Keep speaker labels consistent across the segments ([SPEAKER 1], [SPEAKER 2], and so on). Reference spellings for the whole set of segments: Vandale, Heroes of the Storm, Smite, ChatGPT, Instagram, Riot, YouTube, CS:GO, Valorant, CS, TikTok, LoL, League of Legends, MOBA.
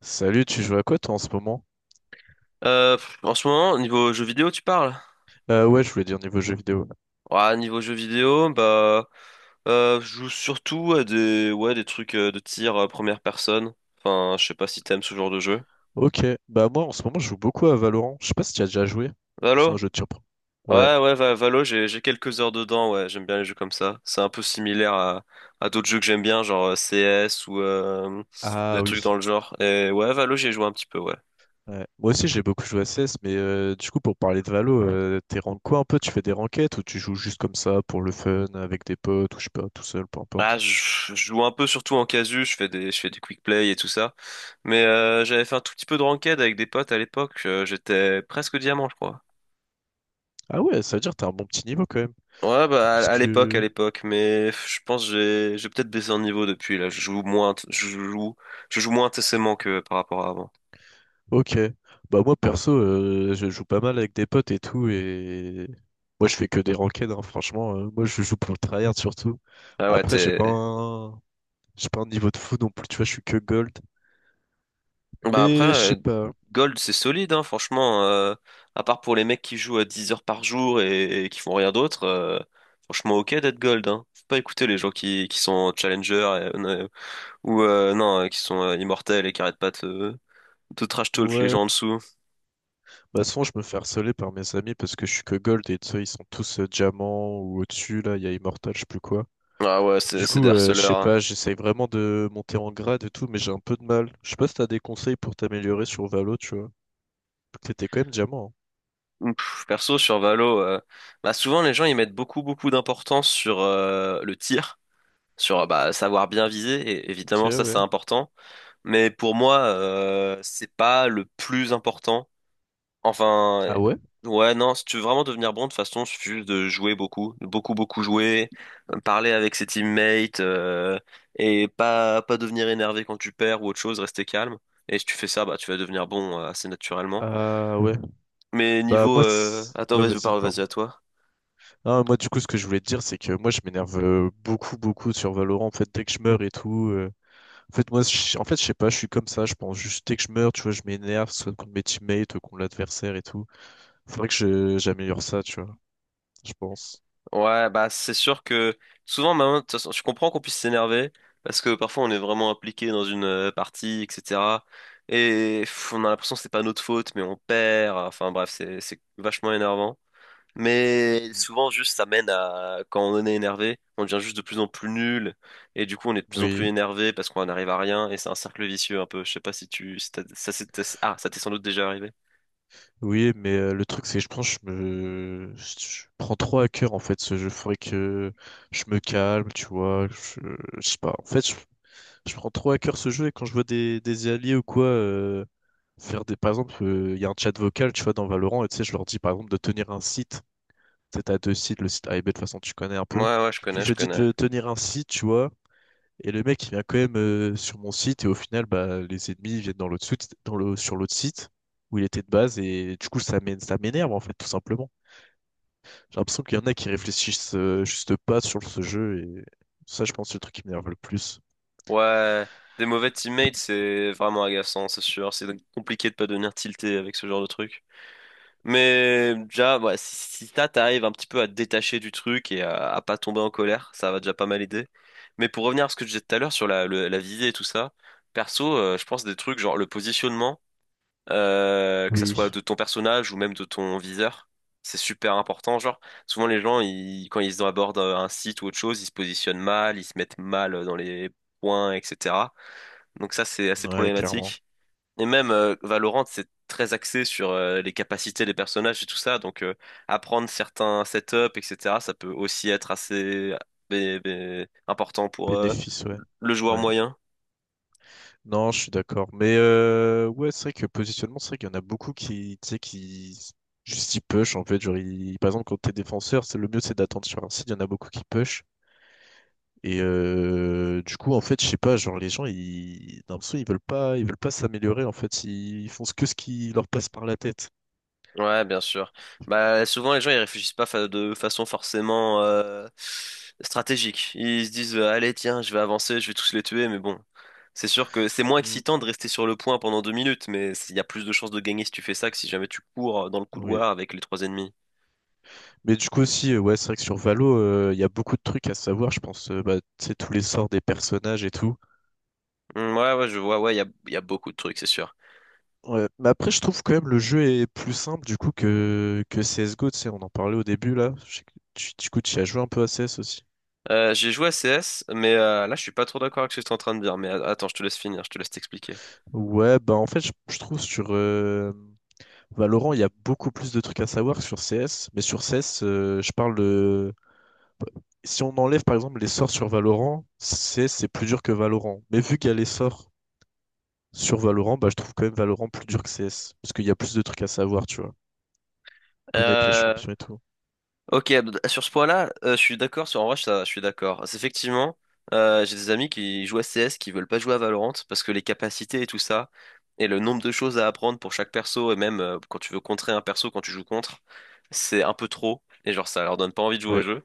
[SPEAKER 1] Salut, tu joues à quoi toi en ce moment?
[SPEAKER 2] En ce moment, niveau jeux vidéo, tu parles?
[SPEAKER 1] Ouais, je voulais dire niveau jeu vidéo.
[SPEAKER 2] Ouais, niveau jeux vidéo, bah, je joue surtout à des, ouais, des trucs de tir première personne. Enfin, je sais pas si t'aimes ce genre de jeu.
[SPEAKER 1] Ok, bah moi en ce moment je joue beaucoup à Valorant. Je sais pas si tu as déjà joué. C'est un
[SPEAKER 2] Valo?
[SPEAKER 1] jeu de surprise. Ouais.
[SPEAKER 2] Ouais, ouais, Valo, j'ai quelques heures dedans, ouais, j'aime bien les jeux comme ça. C'est un peu similaire à d'autres jeux que j'aime bien, genre CS ou des
[SPEAKER 1] Ah
[SPEAKER 2] trucs
[SPEAKER 1] oui.
[SPEAKER 2] dans le genre. Et ouais, Valo, j'ai joué un petit peu, ouais.
[SPEAKER 1] Ouais. Moi aussi j'ai beaucoup joué à CS, mais du coup pour parler de Valo, t'es rank quoi un peu? Tu fais des ranked ou tu joues juste comme ça pour le fun, avec des potes ou je sais pas, tout seul, peu
[SPEAKER 2] Ah,
[SPEAKER 1] importe.
[SPEAKER 2] je joue un peu surtout en casu, je fais des quick play et tout ça. Mais j'avais fait un tout petit peu de ranked avec des potes à l'époque. J'étais presque diamant, je crois.
[SPEAKER 1] Ah ouais, ça veut dire que t'as un bon petit niveau quand même.
[SPEAKER 2] Ouais, bah
[SPEAKER 1] Parce
[SPEAKER 2] à l'époque, à
[SPEAKER 1] que
[SPEAKER 2] l'époque. Mais je pense que j'ai peut-être baissé en niveau depuis. Là, je joue moins, je joue moins intensément que par rapport à avant.
[SPEAKER 1] ok. Bah moi perso, je joue pas mal avec des potes et tout et moi je fais que des ranked hein, franchement. Moi je joue pour le tryhard surtout.
[SPEAKER 2] Ah ouais,
[SPEAKER 1] Après
[SPEAKER 2] t'es.
[SPEAKER 1] j'ai pas un niveau de fou non plus, tu vois, je suis que gold.
[SPEAKER 2] Bah après,
[SPEAKER 1] Mais je
[SPEAKER 2] euh,
[SPEAKER 1] sais pas.
[SPEAKER 2] Gold c'est solide, hein, franchement. À part pour les mecs qui jouent à 10 heures par jour et qui font rien d'autre, franchement ok d'être Gold. Hein. Faut pas écouter les gens qui sont Challenger ou non, qui sont immortels et qui arrêtent pas de trash talk, les
[SPEAKER 1] Ouais.
[SPEAKER 2] gens en dessous.
[SPEAKER 1] Bah souvent je me fais harceler par mes amis parce que je suis que gold et tu sais, ils sont tous diamants ou au-dessus là, il y a immortal, je sais plus quoi.
[SPEAKER 2] Ah ouais, c'est
[SPEAKER 1] Du
[SPEAKER 2] c'est des
[SPEAKER 1] coup, je
[SPEAKER 2] harceleurs,
[SPEAKER 1] sais pas,
[SPEAKER 2] hein.
[SPEAKER 1] j'essaye vraiment de monter en grade et tout, mais j'ai un peu de mal. Je sais pas si t'as des conseils pour t'améliorer sur Valo, tu vois. T'étais quand même diamant.
[SPEAKER 2] Perso, sur Valo, bah souvent les gens ils mettent beaucoup beaucoup d'importance sur le tir, sur bah, savoir bien viser, et
[SPEAKER 1] Hein.
[SPEAKER 2] évidemment
[SPEAKER 1] Ok,
[SPEAKER 2] ça c'est
[SPEAKER 1] ouais.
[SPEAKER 2] important, mais pour moi c'est pas le plus important. Enfin,
[SPEAKER 1] Ah ouais?
[SPEAKER 2] ouais, non, si tu veux vraiment devenir bon, de toute façon, il suffit juste de jouer beaucoup, beaucoup, beaucoup jouer, parler avec ses teammates, et pas devenir énervé quand tu perds ou autre chose, rester calme. Et si tu fais ça, bah, tu vas devenir bon assez naturellement.
[SPEAKER 1] Ah ouais,
[SPEAKER 2] Mais
[SPEAKER 1] bah
[SPEAKER 2] niveau,
[SPEAKER 1] moi,
[SPEAKER 2] attends,
[SPEAKER 1] ouais
[SPEAKER 2] vas-y,
[SPEAKER 1] vas-y,
[SPEAKER 2] parle, vas-y
[SPEAKER 1] pardon.
[SPEAKER 2] à toi.
[SPEAKER 1] Ah, moi du coup ce que je voulais te dire c'est que moi je m'énerve beaucoup beaucoup sur Valorant en fait dès que je meurs et tout. En fait moi, en fait je sais pas, je suis comme ça, je pense juste dès que je meurs, tu vois, je m'énerve soit contre mes teammates, contre l'adversaire et tout. Faudrait que j'améliore ça, tu vois, je pense.
[SPEAKER 2] Ouais, bah, c'est sûr que souvent, maintenant, de toute façon, je comprends qu'on puisse s'énerver, parce que parfois, on est vraiment impliqué dans une partie, etc. Et on a l'impression que c'est pas notre faute, mais on perd. Enfin, bref, c'est vachement énervant. Mais
[SPEAKER 1] Mm.
[SPEAKER 2] souvent, juste, ça mène à, quand on est énervé, on devient juste de plus en plus nul, et du coup, on est de plus en plus
[SPEAKER 1] Oui,
[SPEAKER 2] énervé parce qu'on n'arrive à rien, et c'est un cercle vicieux un peu. Je sais pas si t'as- ah, ça t'est sans doute déjà arrivé.
[SPEAKER 1] oui, mais le truc c'est que je pense je prends trop à cœur en fait ce jeu. Faudrait que je me calme, tu vois. Je sais pas. En fait, je prends trop à cœur ce jeu et quand je vois des alliés ou quoi faire des. Par exemple, il y a un chat vocal, tu vois, dans Valorant, et tu sais, je leur dis par exemple de tenir un site. Tu sais, t'as deux sites, le site A et B, de toute façon, tu connais un
[SPEAKER 2] Ouais,
[SPEAKER 1] peu.
[SPEAKER 2] ouais, je connais,
[SPEAKER 1] Je
[SPEAKER 2] je
[SPEAKER 1] lui dis
[SPEAKER 2] connais.
[SPEAKER 1] de tenir un site, tu vois, et le mec, il vient quand même sur mon site, et au final, bah, les ennemis viennent dans l'autre site, sur l'autre site où il était de base, et du coup, ça m'énerve, en fait, tout simplement. J'ai l'impression qu'il y en a qui réfléchissent juste pas sur ce jeu et ça, je pense, c'est le truc qui m'énerve le plus.
[SPEAKER 2] Ouais, des mauvais teammates, c'est vraiment agaçant, c'est sûr. C'est compliqué de pas devenir tilté avec ce genre de truc. Mais déjà, ouais, si t'arrives un petit peu à te détacher du truc et à pas tomber en colère, ça va déjà pas mal aider. Mais pour revenir à ce que je disais tout à l'heure sur la visée et tout ça, perso, je pense des trucs genre le positionnement, que ça soit
[SPEAKER 1] Oui,
[SPEAKER 2] de ton personnage ou même de ton viseur, c'est super important. Genre, souvent les gens, ils, quand ils abordent un site ou autre chose, ils se positionnent mal, ils se mettent mal dans les points, etc. Donc ça, c'est assez
[SPEAKER 1] ouais, clairement.
[SPEAKER 2] problématique. Et même Valorant, c'est très axé sur les capacités des personnages et tout ça. Donc apprendre certains setups, etc., ça peut aussi être assez important pour
[SPEAKER 1] Bénéfice, ouais.
[SPEAKER 2] le joueur
[SPEAKER 1] Ouais.
[SPEAKER 2] moyen.
[SPEAKER 1] Non, je suis d'accord. Mais ouais, c'est vrai que positionnement, c'est vrai qu'il y en a beaucoup qui, tu sais, juste ils push en fait. Genre, par exemple, quand t'es défenseur, c'est le mieux, c'est d'attendre sur un site. Il y en a beaucoup qui push. Et du coup, en fait, je sais pas, genre les gens, ils, d'un coup, ils veulent pas s'améliorer. En fait, ils font que ce qui leur passe par la tête.
[SPEAKER 2] Ouais, bien sûr. Bah souvent les gens ils réfléchissent pas de façon forcément stratégique. Ils se disent allez tiens, je vais avancer, je vais tous les tuer, mais bon. C'est sûr que c'est moins
[SPEAKER 1] Mm.
[SPEAKER 2] excitant de rester sur le point pendant 2 minutes, mais il y a plus de chances de gagner si tu fais ça que si jamais tu cours dans le
[SPEAKER 1] Oui.
[SPEAKER 2] couloir avec les trois ennemis.
[SPEAKER 1] Mais du coup aussi, ouais, c'est vrai que sur Valo, il y a beaucoup de trucs à savoir. Je pense, bah, tu sais, tous les sorts des personnages et tout.
[SPEAKER 2] Hmm, ouais, ouais, je vois, ouais, y a beaucoup de trucs, c'est sûr.
[SPEAKER 1] Ouais, mais après, je trouve quand même le jeu est plus simple du coup que CSGO, tu sais, on en parlait au début là. Je sais que du coup, tu y as joué un peu à CS aussi.
[SPEAKER 2] J'ai joué à CS, mais là, je suis pas trop d'accord avec ce que tu es en train de dire. Mais attends, je te laisse finir, je te laisse t'expliquer.
[SPEAKER 1] Ouais, bah en fait, je trouve sur Valorant, il y a beaucoup plus de trucs à savoir que sur CS. Mais sur CS, je parle de... Si on enlève par exemple les sorts sur Valorant, CS c'est plus dur que Valorant. Mais vu qu'il y a les sorts sur Valorant, bah je trouve quand même Valorant plus dur que CS. Parce qu'il y a plus de trucs à savoir, tu vois. Connaître les
[SPEAKER 2] Euh,
[SPEAKER 1] champions et tout.
[SPEAKER 2] Ok, sur ce point-là, je suis d'accord, sur en vrai, ça, je suis d'accord. C'est effectivement, j'ai des amis qui jouent à CS, qui veulent pas jouer à Valorant, parce que les capacités et tout ça, et le nombre de choses à apprendre pour chaque perso, et même quand tu veux contrer un perso, quand tu joues contre, c'est un peu trop, et genre ça leur donne pas envie de jouer au
[SPEAKER 1] Ouais,
[SPEAKER 2] jeu.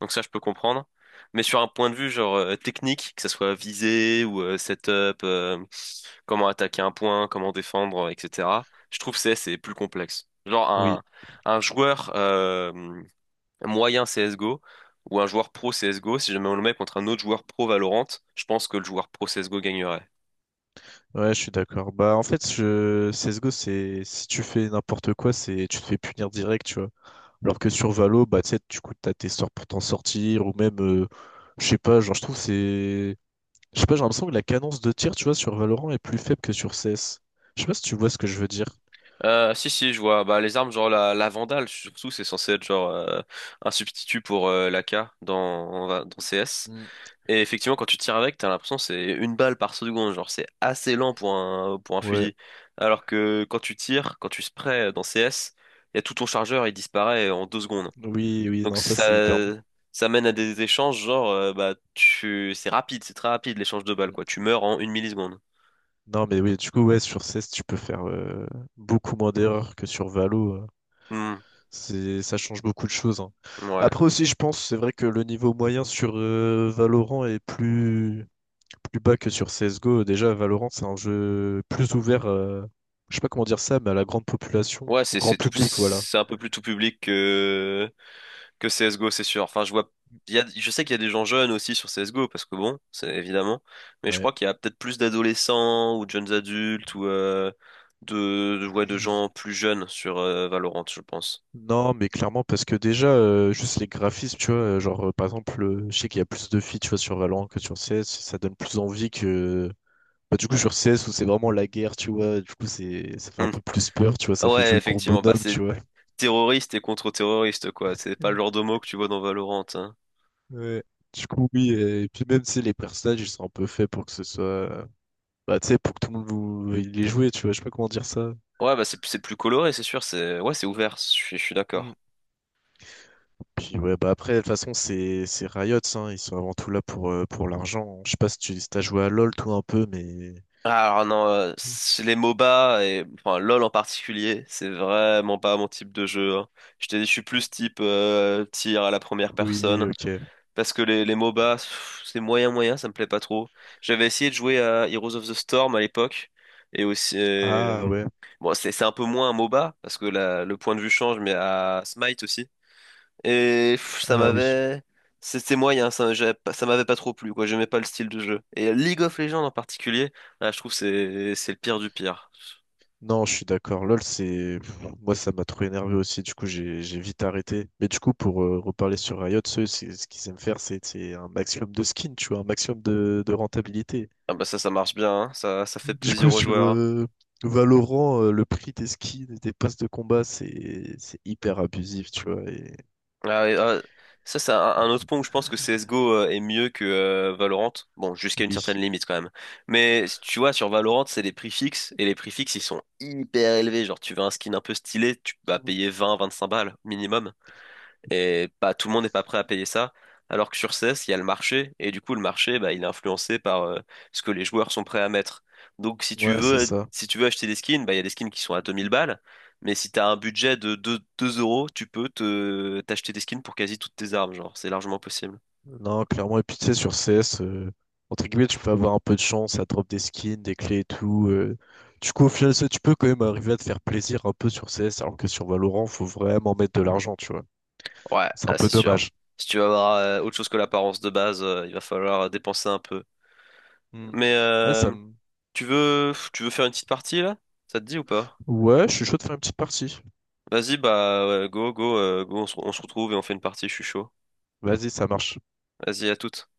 [SPEAKER 2] Donc ça, je peux comprendre. Mais sur un point de vue genre technique, que ça soit visée ou setup, comment attaquer un point, comment défendre, etc., je trouve CS est plus complexe. Genre
[SPEAKER 1] oui.
[SPEAKER 2] un joueur... moyen CSGO ou un joueur pro CSGO, si jamais on le met contre un autre joueur pro Valorant, je pense que le joueur pro CSGO gagnerait.
[SPEAKER 1] Ouais, je suis d'accord. Bah, en fait, je... CSGO, c'est si tu fais n'importe quoi, c'est tu te fais punir direct, tu vois. Alors que sur Valo, bah, tu sais, du coup, t'as tes sorts pour t'en sortir, ou même, je sais pas, genre, je trouve c'est. Je sais pas, j'ai l'impression que la cadence de tir, tu vois, sur Valorant est plus faible que sur CS. Je sais pas si tu vois ce que je veux dire.
[SPEAKER 2] Si je vois bah les armes genre la Vandale surtout c'est censé être genre un substitut pour l'AK dans CS
[SPEAKER 1] Hmm.
[SPEAKER 2] et effectivement quand tu tires avec t'as l'impression que c'est une balle par seconde genre c'est assez lent pour un
[SPEAKER 1] Ouais,
[SPEAKER 2] fusil alors que quand tu sprays dans CS il y a tout ton chargeur il disparaît en 2 secondes.
[SPEAKER 1] oui, oui,
[SPEAKER 2] Donc
[SPEAKER 1] non, ça,
[SPEAKER 2] ça,
[SPEAKER 1] c'est hyper bon.
[SPEAKER 2] ça mène à des échanges genre bah tu c'est rapide, c'est très rapide l'échange de balles
[SPEAKER 1] Mm.
[SPEAKER 2] quoi. Tu meurs en 1 milliseconde.
[SPEAKER 1] Non, mais oui, du coup, ouais, sur CS, tu peux faire beaucoup moins d'erreurs que sur Valo.
[SPEAKER 2] Hmm,
[SPEAKER 1] C'est, ça change beaucoup de choses. Hein.
[SPEAKER 2] ouais.
[SPEAKER 1] Après aussi, je pense, c'est vrai que le niveau moyen sur Valorant est plus bas que sur CSGO. Déjà, Valorant, c'est un jeu plus ouvert, je sais pas comment dire ça, mais à la grande population,
[SPEAKER 2] Ouais,
[SPEAKER 1] au grand public, voilà.
[SPEAKER 2] c'est un peu plus tout public que CS:GO, c'est sûr. Enfin, je vois je sais qu'il y a des gens jeunes aussi sur CS:GO parce que bon, c'est évidemment, mais je
[SPEAKER 1] Ouais.
[SPEAKER 2] crois qu'il y a peut-être plus d'adolescents ou de jeunes adultes ou de ouais, de
[SPEAKER 1] Oui.
[SPEAKER 2] gens plus jeunes sur Valorant, je pense.
[SPEAKER 1] Non, mais clairement, parce que déjà, juste les graphismes, tu vois, genre, par exemple, je sais qu'il y a plus de filles, tu vois, sur Valorant que sur CS, ça donne plus envie que... Bah, du coup, sur CS, où c'est vraiment la guerre, tu vois, du coup, c'est, ça fait un
[SPEAKER 2] Hmm.
[SPEAKER 1] peu plus peur, tu vois,
[SPEAKER 2] Ah
[SPEAKER 1] ça fait
[SPEAKER 2] ouais,
[SPEAKER 1] jeu de gros
[SPEAKER 2] effectivement, bah
[SPEAKER 1] bonhomme, tu
[SPEAKER 2] c'est
[SPEAKER 1] vois.
[SPEAKER 2] terroriste et contre-terroriste, quoi. C'est pas le genre de mot que tu vois dans Valorant, hein.
[SPEAKER 1] Ouais. Du coup, oui, et puis même, tu les personnages, ils sont un peu faits pour que ce soit... bah, tu sais, pour que tout le monde il les joue, tu vois, je sais pas comment dire ça.
[SPEAKER 2] Ouais, bah c'est plus coloré, c'est sûr. C'est ouvert. Je suis
[SPEAKER 1] Mm.
[SPEAKER 2] d'accord.
[SPEAKER 1] Puis ouais, bah après, de toute façon, c'est Riot, hein, ils sont avant tout là pour l'argent. Je sais pas si tu si t'as joué à LoL, toi, un peu, mais...
[SPEAKER 2] Ah, alors non, c'est les MOBA et enfin LoL en particulier, c'est vraiment pas mon type de jeu. Hein. Je t'ai dit, je suis plus type tir à la première
[SPEAKER 1] Oui,
[SPEAKER 2] personne
[SPEAKER 1] ok.
[SPEAKER 2] parce que les MOBA, c'est moyen moyen, ça me plaît pas trop. J'avais essayé de jouer à Heroes of the Storm à l'époque et aussi
[SPEAKER 1] Ah ouais,
[SPEAKER 2] bon, c'est un peu moins un MOBA parce que le point de vue change, mais à Smite aussi. Et ça
[SPEAKER 1] ah oui.
[SPEAKER 2] m'avait. C'était moyen, ça, j'avais pas- ça m'avait pas trop plu, quoi. J'aimais pas le style de jeu. Et League of Legends en particulier, là, je trouve que c'est le pire du pire.
[SPEAKER 1] Non, je suis d'accord. LOL, c'est... Moi, ça m'a trop énervé aussi. Du coup, j'ai vite arrêté. Mais du coup, pour reparler sur Riot, ce qu'ils aiment faire, c'est un maximum de skins, tu vois, un maximum de rentabilité.
[SPEAKER 2] Ah bah ça, ça marche bien, hein. Ça fait
[SPEAKER 1] Du coup,
[SPEAKER 2] plaisir aux
[SPEAKER 1] sur
[SPEAKER 2] joueurs, hein.
[SPEAKER 1] Valorant, le prix des skins et des passes de combat, c'est hyper abusif, tu vois. Et...
[SPEAKER 2] Ah, et, ah, ça, c'est un autre point où je pense que CSGO est mieux que Valorant. Bon, jusqu'à une certaine
[SPEAKER 1] Oui.
[SPEAKER 2] limite quand même. Mais tu vois, sur Valorant, c'est les prix fixes, et les prix fixes, ils sont hyper élevés. Genre, tu veux un skin un peu stylé, tu vas payer 20, 25 balles minimum. Et pas tout le monde n'est pas prêt à payer ça. Alors que sur CS, il y a le marché. Et du coup, le marché, bah, il est influencé par ce que les joueurs sont prêts à mettre. Donc, si tu
[SPEAKER 1] Ouais, c'est
[SPEAKER 2] veux,
[SPEAKER 1] ça.
[SPEAKER 2] si tu veux acheter des skins, bah, il y a des skins qui sont à 2 000 balles. Mais si tu as un budget de deux euros, tu peux t'acheter des skins pour quasi toutes tes armes. Genre, c'est largement possible.
[SPEAKER 1] Non, clairement. Et puis, tu sais, sur CS, entre guillemets, tu peux avoir un peu de chance, ça drop des skins, des clés et tout. Du coup, au final, ça, tu peux quand même arriver à te faire plaisir un peu sur CS, alors que sur Valorant, faut vraiment mettre de l'argent, tu vois.
[SPEAKER 2] Ouais,
[SPEAKER 1] C'est un
[SPEAKER 2] là,
[SPEAKER 1] peu
[SPEAKER 2] c'est sûr.
[SPEAKER 1] dommage.
[SPEAKER 2] Si tu veux avoir autre chose que l'apparence de base, il va falloir dépenser un peu.
[SPEAKER 1] Mm.
[SPEAKER 2] Mais
[SPEAKER 1] Ouais,
[SPEAKER 2] tu veux faire une petite partie là? Ça te dit ou pas?
[SPEAKER 1] ouais, je suis chaud de faire une petite partie.
[SPEAKER 2] Vas-y, bah, ouais, go, go, go, on se retrouve et on fait une partie, je suis chaud.
[SPEAKER 1] Vas-y, ça marche.
[SPEAKER 2] Vas-y, à toutes.